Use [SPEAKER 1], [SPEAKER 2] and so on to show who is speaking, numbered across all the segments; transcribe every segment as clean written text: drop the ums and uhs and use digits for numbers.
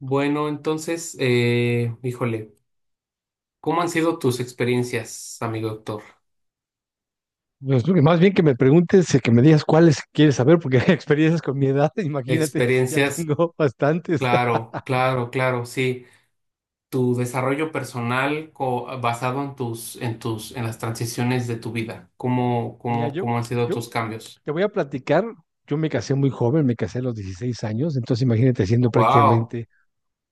[SPEAKER 1] Bueno, entonces, híjole, ¿cómo han sido tus experiencias, amigo doctor?
[SPEAKER 2] Pues, que más bien que me preguntes, que me digas cuáles quieres saber, porque hay experiencias con mi edad, imagínate, ya
[SPEAKER 1] Experiencias,
[SPEAKER 2] tengo bastantes.
[SPEAKER 1] claro, claro, claro, sí. Tu desarrollo personal basado en las transiciones de tu vida. ¿Cómo,
[SPEAKER 2] Mira,
[SPEAKER 1] cómo,
[SPEAKER 2] yo,
[SPEAKER 1] cómo han sido
[SPEAKER 2] yo
[SPEAKER 1] tus cambios?
[SPEAKER 2] te voy a platicar, yo me casé muy joven, me casé a los 16 años, entonces imagínate siendo
[SPEAKER 1] Wow,
[SPEAKER 2] prácticamente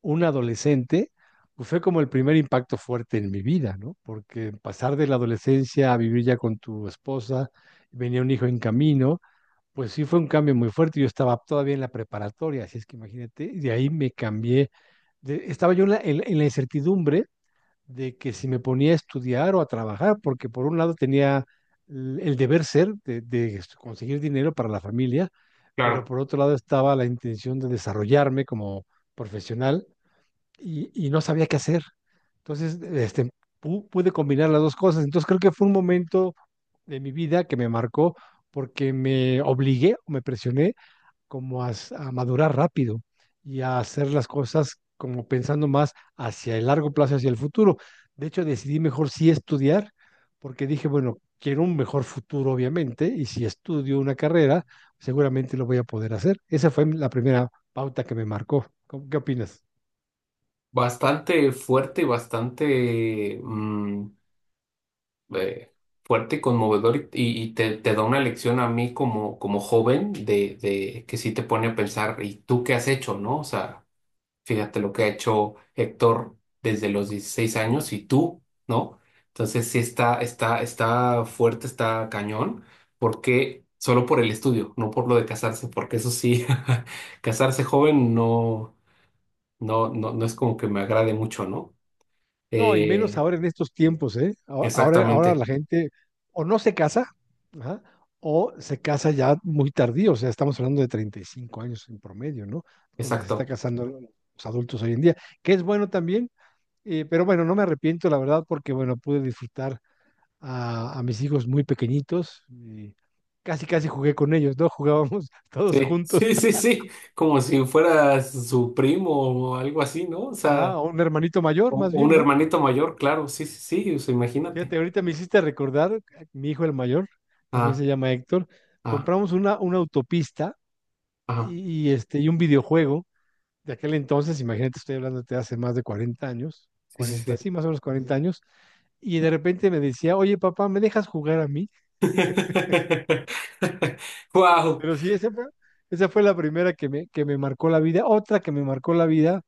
[SPEAKER 2] un adolescente, pues fue como el primer impacto fuerte en mi vida, ¿no? Porque pasar de la adolescencia a vivir ya con tu esposa, venía un hijo en camino. Pues sí, fue un cambio muy fuerte. Yo estaba todavía en la preparatoria, así es que imagínate, y de ahí me cambié. Estaba yo en la incertidumbre de que si me ponía a estudiar o a trabajar, porque por un lado tenía el deber ser de conseguir dinero para la familia, pero
[SPEAKER 1] claro,
[SPEAKER 2] por otro lado estaba la intención de desarrollarme como profesional, y no sabía qué hacer. Entonces, pude combinar las dos cosas. Entonces, creo que fue un momento de mi vida que me marcó porque me obligué o me presioné como a madurar rápido y a hacer las cosas como pensando más hacia el largo plazo, hacia el futuro. De hecho, decidí mejor sí estudiar, porque dije, bueno, quiero un mejor futuro, obviamente, y si estudio una carrera, seguramente lo voy a poder hacer. Esa fue la primera pauta que me marcó. ¿Qué opinas?
[SPEAKER 1] bastante fuerte y bastante eh, fuerte, conmovedor te da una lección a mí como, como joven de que sí te pone a pensar, ¿y tú qué has hecho, no? O sea, fíjate lo que ha hecho Héctor desde los 16 años y tú, ¿no? Entonces sí está fuerte, está cañón, porque solo por el estudio, no por lo de casarse, porque eso sí, casarse joven no, no, no, no es como que me agrade mucho, ¿no?
[SPEAKER 2] No, y menos
[SPEAKER 1] Eh,
[SPEAKER 2] ahora en estos tiempos, ¿eh? Ahora
[SPEAKER 1] Exactamente,
[SPEAKER 2] la gente o no se casa, ajá, o se casa ya muy tardío, o sea, estamos hablando de 35 años en promedio, ¿no? Cuando se está
[SPEAKER 1] exacto.
[SPEAKER 2] casando los adultos hoy en día, que es bueno también, pero bueno, no me arrepiento, la verdad, porque bueno, pude disfrutar a mis hijos muy pequeñitos, y casi, casi jugué con ellos, ¿no? Jugábamos todos
[SPEAKER 1] Sí,
[SPEAKER 2] juntos,
[SPEAKER 1] sí, sí, sí, como si fuera su primo o algo así, ¿no? O
[SPEAKER 2] ajá,
[SPEAKER 1] sea,
[SPEAKER 2] a un hermanito mayor,
[SPEAKER 1] o,
[SPEAKER 2] más
[SPEAKER 1] o
[SPEAKER 2] bien,
[SPEAKER 1] un
[SPEAKER 2] ¿no?
[SPEAKER 1] hermanito mayor, claro, sí, sí, sí, o sea, imagínate.
[SPEAKER 2] Fíjate, ahorita me hiciste recordar, mi hijo el mayor también
[SPEAKER 1] Ah,
[SPEAKER 2] se llama Héctor,
[SPEAKER 1] ah,
[SPEAKER 2] compramos una autopista
[SPEAKER 1] ah,
[SPEAKER 2] y un videojuego de aquel entonces, imagínate, estoy hablando de hace más de 40 años,
[SPEAKER 1] sí, sí,
[SPEAKER 2] 40
[SPEAKER 1] sí.
[SPEAKER 2] sí, más o menos 40 años, y de repente me decía, oye papá, ¿me dejas jugar a mí?
[SPEAKER 1] Wow.
[SPEAKER 2] Pero sí, esa fue la primera que me marcó la vida. Otra que me marcó la vida,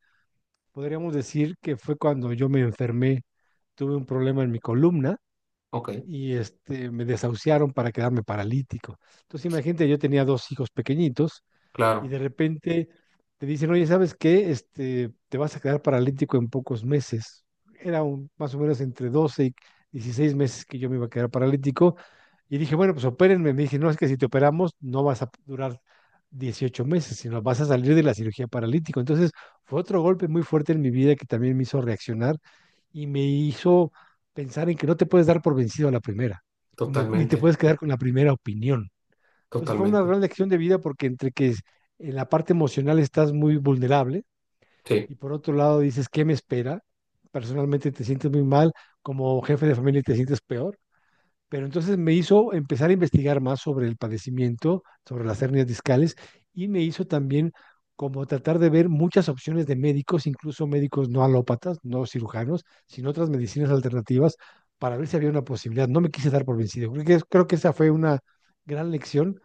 [SPEAKER 2] podríamos decir que fue cuando yo me enfermé, tuve un problema en mi columna
[SPEAKER 1] Ok,
[SPEAKER 2] y me desahuciaron para quedarme paralítico. Entonces, imagínate, yo tenía dos hijos pequeñitos y
[SPEAKER 1] claro,
[SPEAKER 2] de repente te dicen, oye, ¿sabes qué? Te vas a quedar paralítico en pocos meses. Era más o menos entre 12 y 16 meses que yo me iba a quedar paralítico. Y dije, bueno, pues opérenme. Me dije, no, es que si te operamos no vas a durar 18 meses, sino vas a salir de la cirugía paralítico. Entonces fue otro golpe muy fuerte en mi vida que también me hizo reaccionar y me hizo pensar en que no te puedes dar por vencido a la primera, ni te
[SPEAKER 1] totalmente,
[SPEAKER 2] puedes quedar con la primera opinión. Entonces fue una
[SPEAKER 1] totalmente.
[SPEAKER 2] gran lección de vida porque en la parte emocional estás muy vulnerable,
[SPEAKER 1] Sí,
[SPEAKER 2] y por otro lado dices, ¿qué me espera? Personalmente te sientes muy mal, como jefe de familia te sientes peor. Pero entonces me hizo empezar a investigar más sobre el padecimiento, sobre las hernias discales, y me hizo también como tratar de ver muchas opciones de médicos, incluso médicos no alópatas, no cirujanos, sino otras medicinas alternativas, para ver si había una posibilidad. No me quise dar por vencido. Creo que esa fue una gran lección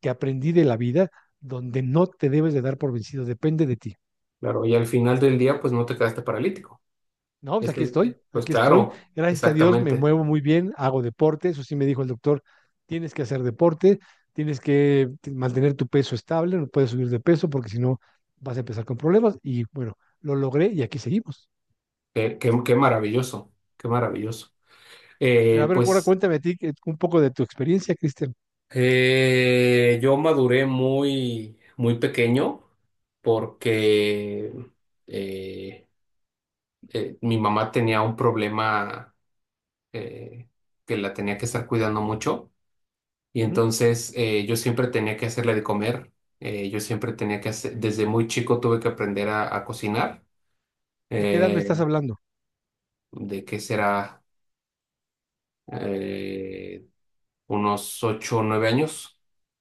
[SPEAKER 2] que aprendí de la vida, donde no te debes de dar por vencido, depende de ti.
[SPEAKER 1] claro, y al final del día, pues no te quedaste paralítico.
[SPEAKER 2] No, pues
[SPEAKER 1] Este,
[SPEAKER 2] aquí estoy,
[SPEAKER 1] pues
[SPEAKER 2] aquí estoy.
[SPEAKER 1] claro,
[SPEAKER 2] Gracias a Dios me
[SPEAKER 1] exactamente.
[SPEAKER 2] muevo muy bien, hago deporte, eso sí me dijo el doctor, tienes que hacer deporte, tienes que mantener tu peso estable, no puedes subir de peso porque si no vas a empezar con problemas. Y bueno, lo logré y aquí seguimos.
[SPEAKER 1] Qué maravilloso, qué maravilloso.
[SPEAKER 2] Pero a ver, ahora
[SPEAKER 1] Pues.
[SPEAKER 2] cuéntame a ti un poco de tu experiencia, Cristian.
[SPEAKER 1] Yo maduré muy, muy pequeño porque eh, mi mamá tenía un problema eh, que la tenía que estar cuidando mucho y
[SPEAKER 2] ¿De
[SPEAKER 1] entonces yo siempre tenía que hacerle de comer. Yo siempre tenía que hacer, desde muy chico tuve que aprender a cocinar.
[SPEAKER 2] qué edad me estás
[SPEAKER 1] eh,
[SPEAKER 2] hablando?
[SPEAKER 1] de qué será eh, unos 8 o 9 años.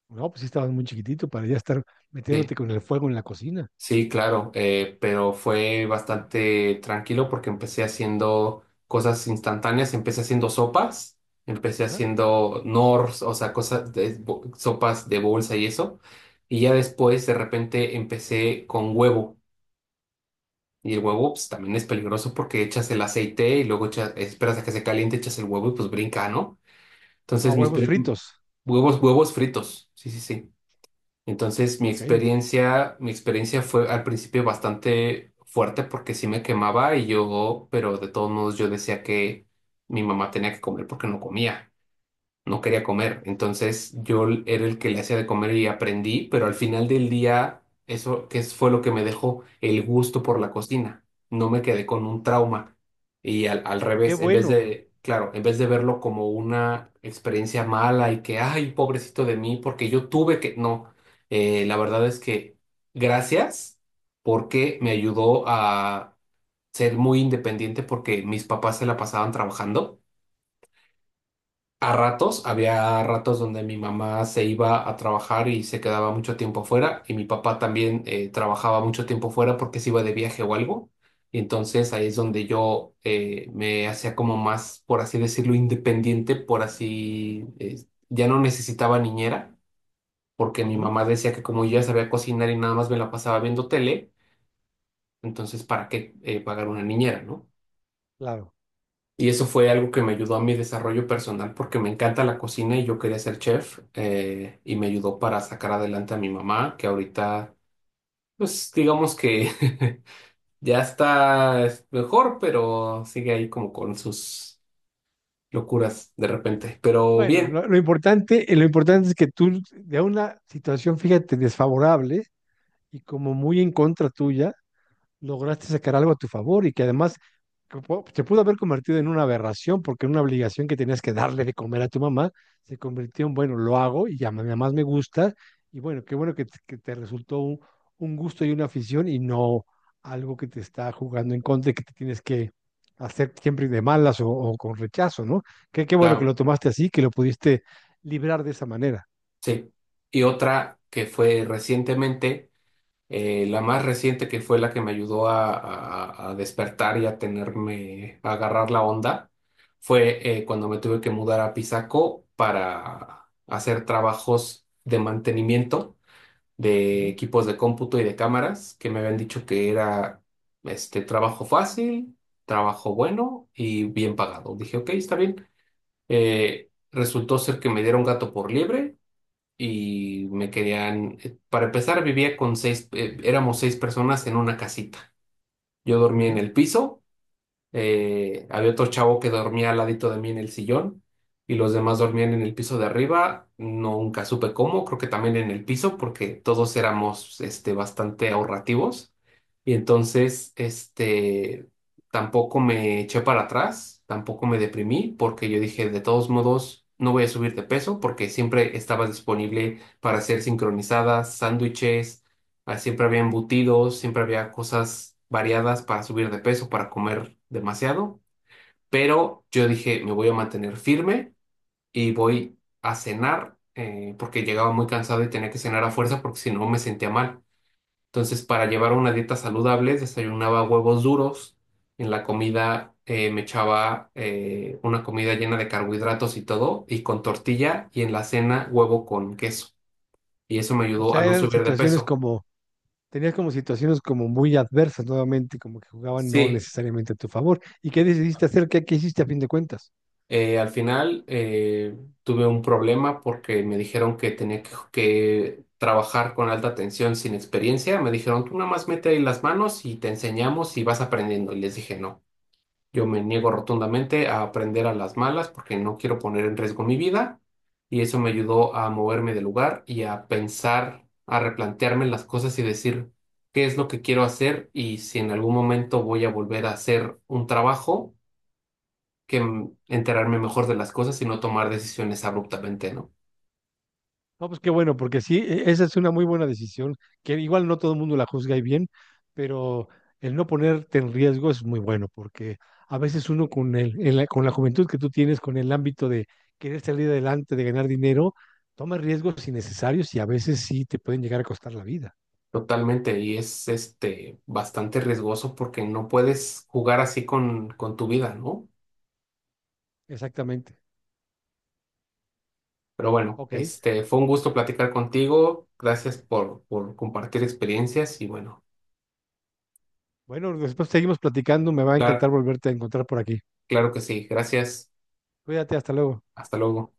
[SPEAKER 2] No, pues sí estabas muy chiquitito para ya estar
[SPEAKER 1] Sí,
[SPEAKER 2] metiéndote con el fuego en la cocina.
[SPEAKER 1] sí, claro, pero fue bastante tranquilo porque empecé haciendo cosas instantáneas, empecé haciendo sopas, empecé
[SPEAKER 2] Ajá.
[SPEAKER 1] haciendo nors, o sea, cosas de sopas de bolsa y eso, y ya después de repente empecé con huevo, y el huevo pues también es peligroso porque echas el aceite y luego echas, esperas a que se caliente, echas el huevo y pues brinca, ¿no?
[SPEAKER 2] A
[SPEAKER 1] Entonces
[SPEAKER 2] huevos fritos.
[SPEAKER 1] huevos, huevos fritos, sí, sí, sí. Entonces mi
[SPEAKER 2] Ok.
[SPEAKER 1] experiencia, mi experiencia fue al principio bastante fuerte porque sí me quemaba y yo, pero de todos modos yo decía que mi mamá tenía que comer porque no comía, no quería comer. Entonces yo l- era el que le hacía de comer y aprendí, pero al final del día eso fue lo que me dejó el gusto por la cocina. No me quedé con un trauma. Y al
[SPEAKER 2] Qué
[SPEAKER 1] revés, en vez
[SPEAKER 2] bueno.
[SPEAKER 1] de, claro, en vez de verlo como una experiencia mala y que, ay, pobrecito de mí, porque yo tuve que, no. La verdad es que gracias porque me ayudó a ser muy independiente porque mis papás se la pasaban trabajando. A ratos, había ratos donde mi mamá se iba a trabajar y se quedaba mucho tiempo fuera, y mi papá también trabajaba mucho tiempo fuera porque se iba de viaje o algo. Y entonces ahí es donde yo me hacía como más, por así decirlo, independiente, por así, ya no necesitaba niñera, porque mi
[SPEAKER 2] Ujú.
[SPEAKER 1] mamá decía que como yo ya sabía cocinar y nada más me la pasaba viendo tele, entonces ¿para qué pagar una niñera, no?
[SPEAKER 2] Claro.
[SPEAKER 1] Y eso fue algo que me ayudó a mi desarrollo personal porque me encanta la cocina y yo quería ser chef, y me ayudó para sacar adelante a mi mamá, que ahorita, pues digamos que ya está es mejor, pero sigue ahí como con sus locuras de repente. Pero
[SPEAKER 2] Bueno,
[SPEAKER 1] bien,
[SPEAKER 2] lo importante es que tú, de una situación, fíjate, desfavorable y como muy en contra tuya, lograste sacar algo a tu favor, y que además se pudo haber convertido en una aberración, porque una obligación que tenías que darle de comer a tu mamá se convirtió en, bueno, lo hago y ya además me gusta, y bueno, qué bueno que te resultó un gusto y una afición, y no algo que te está jugando en contra y que te tienes que hacer siempre de malas, o con rechazo, ¿no? Qué bueno que
[SPEAKER 1] claro,
[SPEAKER 2] lo tomaste así, que lo pudiste librar de esa manera.
[SPEAKER 1] sí. Y otra que fue recientemente. La más reciente que fue la que me ayudó a despertar y a tenerme, a agarrar la onda, fue cuando me tuve que mudar a Pisaco para hacer trabajos de mantenimiento de
[SPEAKER 2] Ujú,
[SPEAKER 1] equipos de cómputo y de cámaras, que me habían dicho que era este trabajo fácil, trabajo bueno y bien pagado. Dije, ok, está bien. Resultó ser que me dieron gato por liebre y me querían, para empezar, vivía con seis, éramos seis personas en una casita. Yo dormía en
[SPEAKER 2] ujú.
[SPEAKER 1] el piso, había otro chavo que dormía al ladito de mí en el sillón y los demás dormían en el piso de arriba. Nunca supe cómo, creo que también en el piso, porque todos éramos este, bastante ahorrativos. Y entonces, este, tampoco me eché para atrás, tampoco me deprimí, porque yo dije, de todos modos, no voy a subir de peso, porque siempre estaba disponible para hacer sincronizadas, sándwiches. Siempre había embutidos, siempre había cosas variadas para subir de peso, para comer demasiado. Pero yo dije, me voy a mantener firme y voy a cenar, porque llegaba muy cansado y tenía que cenar a fuerza porque si no me sentía mal. Entonces, para llevar una dieta saludable, desayunaba huevos duros. En la comida me echaba una comida llena de carbohidratos y todo, y con tortilla, y en la cena huevo con queso. Y eso me
[SPEAKER 2] O
[SPEAKER 1] ayudó a
[SPEAKER 2] sea,
[SPEAKER 1] no
[SPEAKER 2] eran
[SPEAKER 1] subir de
[SPEAKER 2] situaciones
[SPEAKER 1] peso.
[SPEAKER 2] como tenías como situaciones como muy adversas nuevamente, como que jugaban no
[SPEAKER 1] Sí.
[SPEAKER 2] necesariamente a tu favor. ¿Y qué decidiste hacer? ¿Qué hiciste a fin de cuentas?
[SPEAKER 1] Al final, tuve un problema porque me dijeron que tenía que trabajar con alta tensión sin experiencia. Me dijeron, tú nada más mete ahí las manos y te enseñamos y vas aprendiendo. Y les dije, no, yo me niego rotundamente a aprender a las malas porque no quiero poner en riesgo mi vida. Y eso me ayudó a moverme del lugar y a pensar, a replantearme las cosas y decir qué es lo que quiero hacer y si en algún momento voy a volver a hacer un trabajo que enterarme mejor de las cosas y no tomar decisiones abruptamente, ¿no?
[SPEAKER 2] No, pues qué bueno, porque sí, esa es una muy buena decisión, que igual no todo el mundo la juzga y bien, pero el no ponerte en riesgo es muy bueno, porque a veces uno con la juventud que tú tienes, con el ámbito de querer salir adelante, de ganar dinero, toma riesgos innecesarios, y a veces sí te pueden llegar a costar la vida.
[SPEAKER 1] Totalmente, y es este bastante riesgoso porque no puedes jugar así con tu vida, ¿no?
[SPEAKER 2] Exactamente.
[SPEAKER 1] Pero bueno,
[SPEAKER 2] Ok.
[SPEAKER 1] este fue un gusto platicar contigo. Gracias por compartir experiencias y bueno,
[SPEAKER 2] Bueno, después seguimos platicando. Me va a
[SPEAKER 1] claro,
[SPEAKER 2] encantar volverte a encontrar por aquí.
[SPEAKER 1] claro que sí. Gracias.
[SPEAKER 2] Cuídate, hasta luego.
[SPEAKER 1] Hasta luego.